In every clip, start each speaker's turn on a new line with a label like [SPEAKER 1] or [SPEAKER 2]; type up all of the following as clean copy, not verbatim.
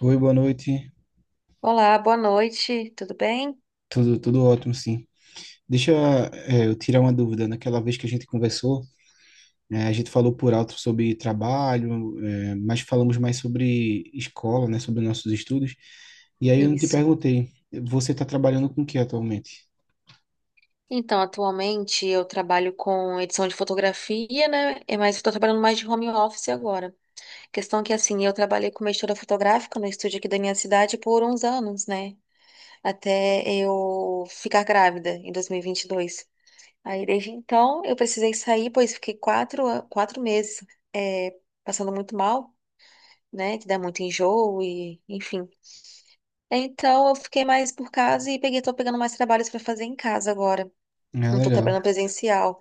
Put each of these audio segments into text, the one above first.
[SPEAKER 1] Oi, boa noite.
[SPEAKER 2] Olá, boa noite, tudo bem?
[SPEAKER 1] Tudo ótimo, sim. Deixa, eu tirar uma dúvida. Naquela vez que a gente conversou, a gente falou por alto sobre trabalho, mas falamos mais sobre escola, né, sobre nossos estudos. E aí eu não te
[SPEAKER 2] Isso.
[SPEAKER 1] perguntei, você está trabalhando com o que atualmente?
[SPEAKER 2] Então, atualmente eu trabalho com edição de fotografia, né? Mas estou trabalhando mais de home office agora. Questão que, assim, eu trabalhei como editora fotográfica no estúdio aqui da minha cidade por uns anos, né? Até eu ficar grávida em 2022. Aí, desde então, eu precisei sair, pois fiquei 4 meses, é, passando muito mal, né? Que dá muito enjoo e, enfim. Então eu fiquei mais por casa e tô pegando mais trabalhos pra fazer em casa agora.
[SPEAKER 1] Ah,
[SPEAKER 2] Não tô trabalhando
[SPEAKER 1] legal.
[SPEAKER 2] presencial.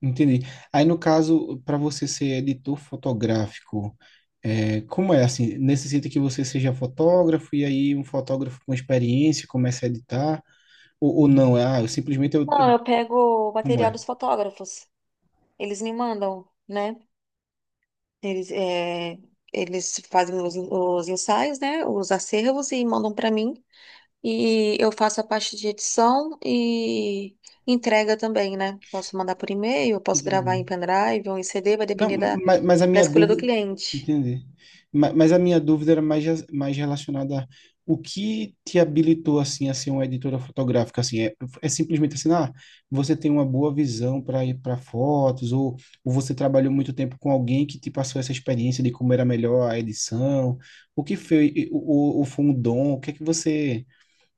[SPEAKER 1] Entendi. Aí, no caso, para você ser editor fotográfico, como é assim? Necessita que você seja fotógrafo e aí um fotógrafo com experiência começa a editar? Ou não, eu simplesmente eu
[SPEAKER 2] Não, eu pego o
[SPEAKER 1] Como
[SPEAKER 2] material
[SPEAKER 1] é?
[SPEAKER 2] dos fotógrafos. Eles me mandam, né? Eles, é, eles fazem os ensaios, né? Os acervos e mandam pra mim. E eu faço a parte de edição e entrega também, né? Posso mandar por e-mail, eu posso gravar
[SPEAKER 1] Entendi.
[SPEAKER 2] em pendrive ou em CD, vai
[SPEAKER 1] Não,
[SPEAKER 2] depender da,
[SPEAKER 1] mas a
[SPEAKER 2] da
[SPEAKER 1] minha
[SPEAKER 2] escolha do
[SPEAKER 1] dúvida.
[SPEAKER 2] cliente.
[SPEAKER 1] Entendi. Mas a minha dúvida era mais relacionada a o que te habilitou assim a ser uma editora fotográfica, assim é simplesmente assim, você tem uma boa visão para ir para fotos, ou você trabalhou muito tempo com alguém que te passou essa experiência de como era melhor a edição? O que foi? O foi um dom? O que é que você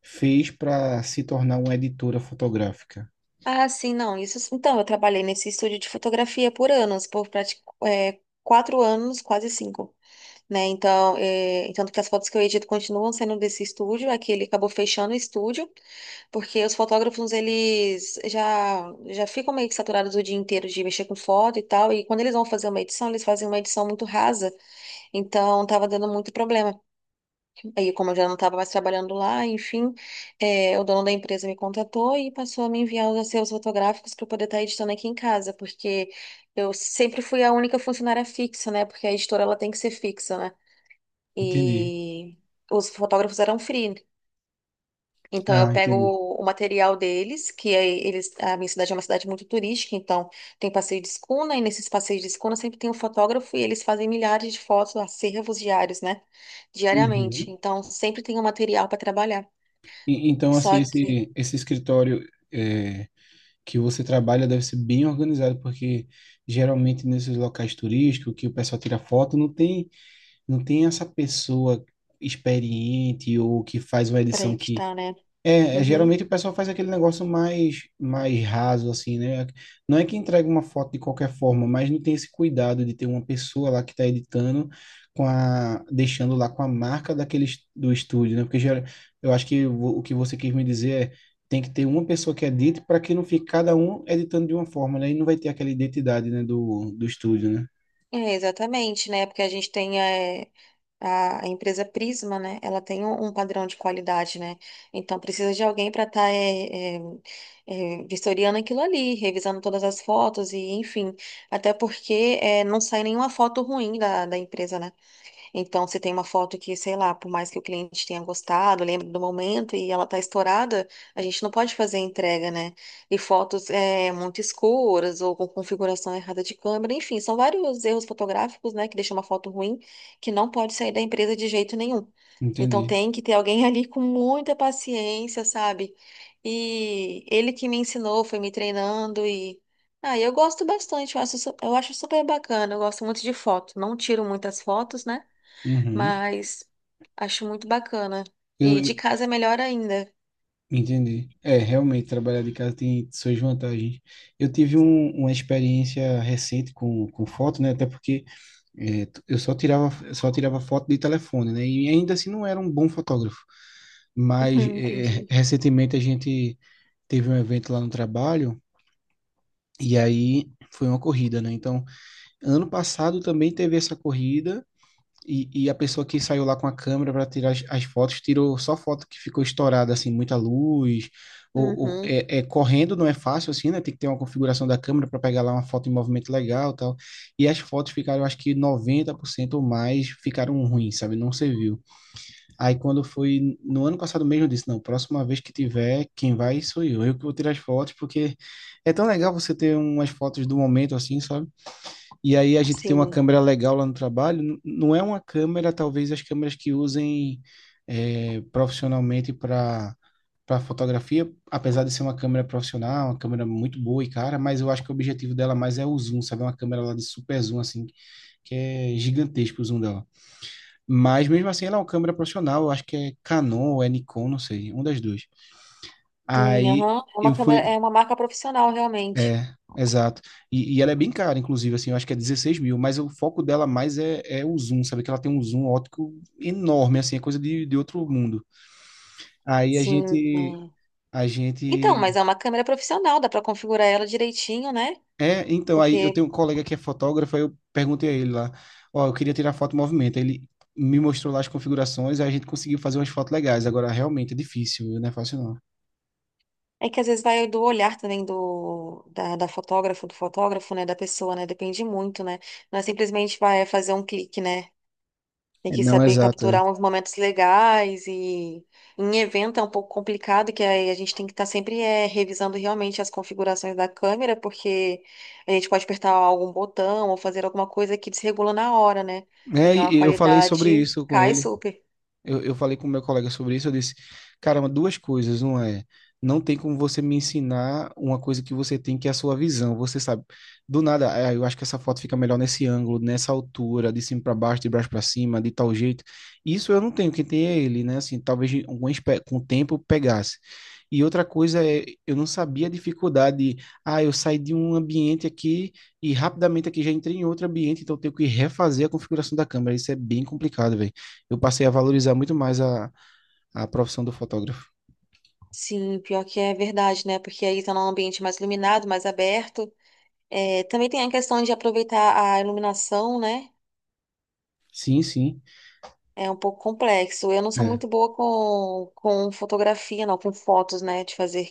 [SPEAKER 1] fez para se tornar uma editora fotográfica?
[SPEAKER 2] Ah, sim, não. Isso, então, eu trabalhei nesse estúdio de fotografia por anos, 4 anos, quase 5, né? Então, tanto que as fotos que eu edito continuam sendo desse estúdio, é que ele acabou fechando o estúdio, porque os fotógrafos, eles já ficam meio que saturados o dia inteiro de mexer com foto e tal, e quando eles vão fazer uma edição, eles fazem uma edição muito rasa, então tava dando muito problema. Aí, como eu já não estava mais trabalhando lá, enfim, o dono da empresa me contatou e passou a me enviar os acervos fotográficos para eu poder estar editando aqui em casa, porque eu sempre fui a única funcionária fixa, né? Porque a editora ela tem que ser fixa, né?
[SPEAKER 1] Entendi.
[SPEAKER 2] E os fotógrafos eram free, então eu
[SPEAKER 1] Ah,
[SPEAKER 2] pego
[SPEAKER 1] entendi.
[SPEAKER 2] o material deles, que aí eles, a minha cidade é uma cidade muito turística, então tem passeio de escuna, e nesses passeios de escuna sempre tem um fotógrafo e eles fazem milhares de fotos, acervos diários, né? Diariamente.
[SPEAKER 1] Uhum.
[SPEAKER 2] Então sempre tem um material para trabalhar.
[SPEAKER 1] Então,
[SPEAKER 2] Só
[SPEAKER 1] assim,
[SPEAKER 2] que
[SPEAKER 1] esse escritório é, que você trabalha deve ser bem organizado, porque geralmente nesses locais turísticos que o pessoal tira foto, não tem essa pessoa experiente ou que faz uma
[SPEAKER 2] para
[SPEAKER 1] edição que,
[SPEAKER 2] editar, né? Uhum.
[SPEAKER 1] geralmente o pessoal faz aquele negócio mais, mais raso, assim, né? Não é que entrega uma foto de qualquer forma, mas não tem esse cuidado de ter uma pessoa lá que está editando, deixando lá com a marca daquele, do estúdio, né? Porque eu acho que o que você quis me dizer é, tem que ter uma pessoa que edite para que não fique cada um editando de uma forma, né? E não vai ter aquela identidade, né, do estúdio, né?
[SPEAKER 2] É, exatamente, né? Porque a gente tem. A empresa Prisma, né? Ela tem um padrão de qualidade, né? Então precisa de alguém para estar vistoriando aquilo ali, revisando todas as fotos e enfim. Até porque não sai nenhuma foto ruim da empresa, né? Então, se tem uma foto que, sei lá, por mais que o cliente tenha gostado, lembre do momento e ela tá estourada, a gente não pode fazer a entrega, né? E fotos muito escuras ou com configuração errada de câmera, enfim, são vários erros fotográficos, né, que deixam uma foto ruim que não pode sair da empresa de jeito nenhum. Então,
[SPEAKER 1] Entendi.
[SPEAKER 2] tem que ter alguém ali com muita paciência, sabe? E ele que me ensinou, foi me treinando e. Ah, eu gosto bastante, eu acho, su- eu acho super bacana, eu gosto muito de foto. Não tiro muitas fotos, né?
[SPEAKER 1] Uhum.
[SPEAKER 2] Mas acho muito bacana. E de casa é melhor ainda.
[SPEAKER 1] Entendi. É, realmente, trabalhar de casa tem suas vantagens. Eu tive uma experiência recente com foto, né? Até porque eu só tirava foto de telefone, né? E ainda assim não era um bom fotógrafo. Mas
[SPEAKER 2] Entendi.
[SPEAKER 1] recentemente a gente teve um evento lá no trabalho e aí foi uma corrida, né? Então, ano passado também teve essa corrida e a pessoa que saiu lá com a câmera para tirar as fotos, tirou só foto que ficou estourada, assim, muita luz.
[SPEAKER 2] Uhum,
[SPEAKER 1] Correndo não é fácil, assim, né? Tem que ter uma configuração da câmera para pegar lá uma foto em movimento legal e tal. E as fotos ficaram, eu acho que 90% ou mais ficaram ruins, sabe? Não serviu. Aí quando foi no ano passado mesmo, eu disse, não, próxima vez que tiver, quem vai sou eu. Eu que vou tirar as fotos, porque é tão legal você ter umas fotos do momento, assim, sabe? E aí a gente tem uma
[SPEAKER 2] sim.
[SPEAKER 1] câmera legal lá no trabalho. Não é uma câmera, talvez as câmeras que usem profissionalmente para fotografia, apesar de ser uma câmera profissional, uma câmera muito boa e cara, mas eu acho que o objetivo dela mais é o zoom, sabe? É uma câmera lá de super zoom, assim, que é gigantesco o zoom dela. Mas mesmo assim, ela é uma câmera profissional, eu acho que é Canon ou é Nikon, não sei, um das duas.
[SPEAKER 2] Sim,
[SPEAKER 1] Aí
[SPEAKER 2] aham.
[SPEAKER 1] eu fui,
[SPEAKER 2] É uma marca profissional, realmente.
[SPEAKER 1] é, exato. E ela é bem cara, inclusive, assim, eu acho que é 16.000, mas o foco dela mais é o zoom, sabe? Que ela tem um zoom óptico enorme, assim, é coisa de outro mundo. Aí a
[SPEAKER 2] Sim.
[SPEAKER 1] gente,
[SPEAKER 2] É.
[SPEAKER 1] a
[SPEAKER 2] Então,
[SPEAKER 1] gente...
[SPEAKER 2] mas é uma câmera profissional, dá pra configurar ela direitinho, né?
[SPEAKER 1] É, então, aí eu
[SPEAKER 2] Porque
[SPEAKER 1] tenho um colega que é fotógrafo, aí eu perguntei a ele lá, ó, eu queria tirar foto em movimento, aí ele me mostrou lá as configurações, aí a gente conseguiu fazer umas fotos legais, agora realmente é difícil, viu? Não é fácil não.
[SPEAKER 2] é que às vezes vai do olhar também do da fotógrafa, do fotógrafo, né? Da pessoa, né? Depende muito, né? Não é simplesmente vai fazer um clique, né? Tem
[SPEAKER 1] É,
[SPEAKER 2] que
[SPEAKER 1] não,
[SPEAKER 2] saber
[SPEAKER 1] exato, é.
[SPEAKER 2] capturar uns momentos legais e em evento é um pouco complicado, que aí a gente tem que estar sempre revisando realmente as configurações da câmera, porque a gente pode apertar algum botão ou fazer alguma coisa que desregula na hora, né?
[SPEAKER 1] É,
[SPEAKER 2] Então a
[SPEAKER 1] e eu falei sobre
[SPEAKER 2] qualidade
[SPEAKER 1] isso com
[SPEAKER 2] cai
[SPEAKER 1] ele.
[SPEAKER 2] super.
[SPEAKER 1] Eu falei com o meu colega sobre isso, eu disse, caramba, duas coisas, não é? Não tem como você me ensinar uma coisa que você tem, que é a sua visão, você sabe. Do nada, "Ah, eu acho que essa foto fica melhor nesse ângulo, nessa altura, de cima para baixo, de baixo para cima, de tal jeito. Isso eu não tenho, quem tem é ele, né? Assim, talvez algum com o tempo pegasse. E outra coisa é, eu não sabia a dificuldade, eu saí de um ambiente aqui e rapidamente aqui já entrei em outro ambiente, então eu tenho que refazer a configuração da câmera. Isso é bem complicado, velho. Eu passei a valorizar muito mais a profissão do fotógrafo.
[SPEAKER 2] Sim, pior que é verdade, né? Porque aí tá num ambiente mais iluminado, mais aberto. É, também tem a questão de aproveitar a iluminação, né?
[SPEAKER 1] Sim, sim.
[SPEAKER 2] É um pouco complexo. Eu não sou
[SPEAKER 1] É,
[SPEAKER 2] muito boa com fotografia, não, com fotos, né? De fazer.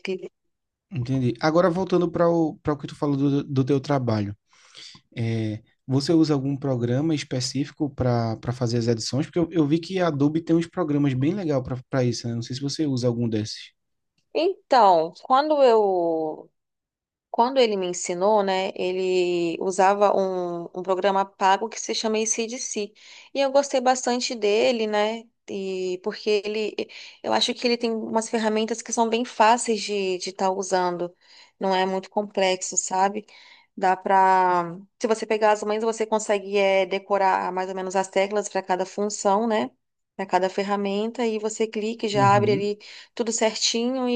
[SPEAKER 1] entendi. Agora, voltando para o, que tu falou do teu trabalho. É, você usa algum programa específico para fazer as edições? Porque eu vi que a Adobe tem uns programas bem legais para isso, né? Não sei se você usa algum desses.
[SPEAKER 2] Então, quando ele me ensinou, né, ele usava um programa pago que se chama ACDC. E eu gostei bastante dele, né, e eu acho que ele tem umas ferramentas que são bem fáceis de estar usando. Não é muito complexo, sabe? Dá pra, se você pegar as mãos, você consegue decorar mais ou menos as teclas para cada função, né? Para cada ferramenta, e você clica e já abre
[SPEAKER 1] Uhum.
[SPEAKER 2] ali tudo certinho,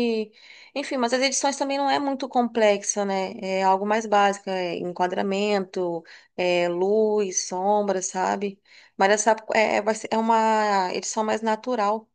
[SPEAKER 2] enfim, mas as edições também não é muito complexa, né? É algo mais básico, é enquadramento, é luz, sombra, sabe? Mas essa é, vai ser, é uma edição mais natural,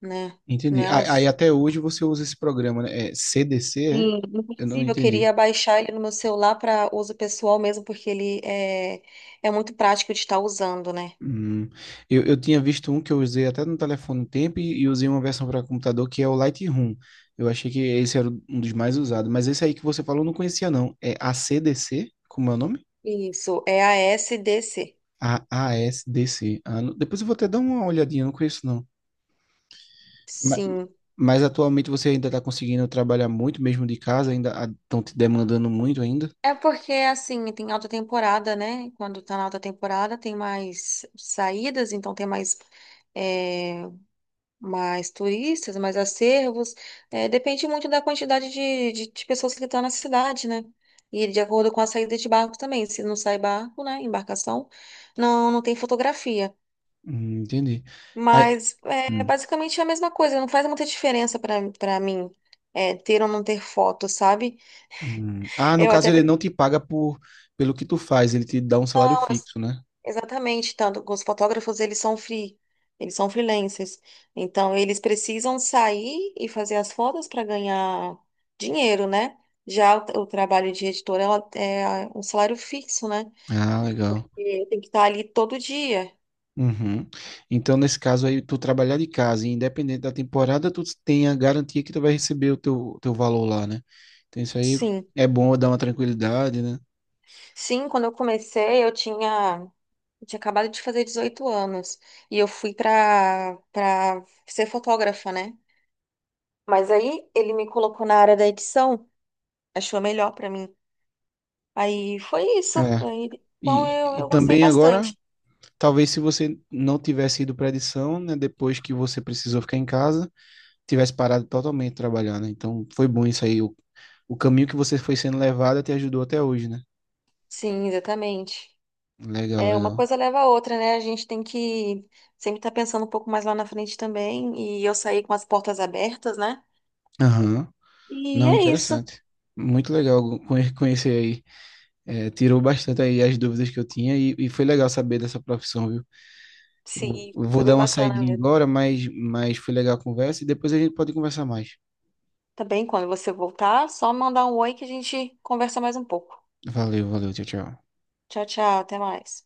[SPEAKER 2] né?
[SPEAKER 1] Entendi.
[SPEAKER 2] Né?
[SPEAKER 1] Aí até hoje você usa esse programa, né? É CDC, é?
[SPEAKER 2] Sim.
[SPEAKER 1] Eu não
[SPEAKER 2] Inclusive, eu
[SPEAKER 1] entendi.
[SPEAKER 2] queria baixar ele no meu celular para uso pessoal mesmo, porque ele é muito prático de estar usando, né?
[SPEAKER 1] Hum, eu tinha visto um que eu usei até no telefone um tempo e usei uma versão para computador que é o Lightroom. Eu achei que esse era um dos mais usados, mas esse aí que você falou eu não conhecia não. É A C ACDC, como é o nome?
[SPEAKER 2] Isso, é a SDC.
[SPEAKER 1] A AASDC. Ah, depois eu vou até dar uma olhadinha, eu não conheço não. Ma-
[SPEAKER 2] Sim.
[SPEAKER 1] Mas, atualmente você ainda está conseguindo trabalhar muito mesmo de casa, ainda estão te demandando muito ainda?
[SPEAKER 2] É porque, assim, tem alta temporada, né? Quando tá na alta temporada, tem mais saídas, então tem é, mais turistas, mais acervos. É, depende muito da quantidade de pessoas que estão na cidade, né? E de acordo com a saída de barco também. Se não sai barco, né? Embarcação, não, não tem fotografia.
[SPEAKER 1] Entendi. Aí-
[SPEAKER 2] Mas é
[SPEAKER 1] hum.
[SPEAKER 2] basicamente a mesma coisa, não faz muita diferença para mim, ter ou não ter foto, sabe?
[SPEAKER 1] Hum. Ah, no
[SPEAKER 2] Eu
[SPEAKER 1] caso
[SPEAKER 2] até
[SPEAKER 1] ele não te
[SPEAKER 2] prefiro.
[SPEAKER 1] paga pelo que tu faz, ele te dá um salário fixo, né?
[SPEAKER 2] Exatamente, tanto que os fotógrafos eles são free, eles são freelancers. Então eles precisam sair e fazer as fotos para ganhar dinheiro, né? Já o trabalho de editora ela é um salário fixo, né?
[SPEAKER 1] Ah, legal.
[SPEAKER 2] E tem que estar ali todo dia.
[SPEAKER 1] Uhum. Então, nesse caso aí, tu trabalhar de casa, e independente da temporada, tu tem a garantia que tu vai receber o teu valor lá, né? Então, isso aí
[SPEAKER 2] Sim.
[SPEAKER 1] é bom dar uma tranquilidade, né?
[SPEAKER 2] Sim, quando eu comecei, eu tinha acabado de fazer 18 anos e eu fui para ser fotógrafa, né? Mas aí ele me colocou na área da edição, achou melhor para mim. Aí foi isso.
[SPEAKER 1] É.
[SPEAKER 2] Aí, então
[SPEAKER 1] E,
[SPEAKER 2] eu,
[SPEAKER 1] e
[SPEAKER 2] eu gostei
[SPEAKER 1] também agora,
[SPEAKER 2] bastante.
[SPEAKER 1] talvez se você não tivesse ido para edição, né, depois que você precisou ficar em casa, tivesse parado totalmente de trabalhar, né? Então, foi bom isso aí. O caminho que você foi sendo levado te ajudou até hoje, né?
[SPEAKER 2] Sim, exatamente.
[SPEAKER 1] Legal,
[SPEAKER 2] É, uma
[SPEAKER 1] legal.
[SPEAKER 2] coisa leva a outra, né? A gente tem que sempre estar pensando um pouco mais lá na frente também. E eu saí com as portas abertas, né?
[SPEAKER 1] Aham.
[SPEAKER 2] E
[SPEAKER 1] Não,
[SPEAKER 2] é isso.
[SPEAKER 1] interessante. Muito legal conhecer aí. É, tirou bastante aí as dúvidas que eu tinha e foi legal saber dessa profissão, viu? Eu,
[SPEAKER 2] Sim,
[SPEAKER 1] eu
[SPEAKER 2] foi
[SPEAKER 1] vou
[SPEAKER 2] bem
[SPEAKER 1] dar uma
[SPEAKER 2] bacana
[SPEAKER 1] saidinha
[SPEAKER 2] mesmo.
[SPEAKER 1] agora, mas foi legal a conversa e depois a gente pode conversar mais.
[SPEAKER 2] Também, quando você voltar, só mandar um oi que a gente conversa mais um pouco.
[SPEAKER 1] Valeu, valeu, tchau, tchau.
[SPEAKER 2] Tchau, tchau, até mais.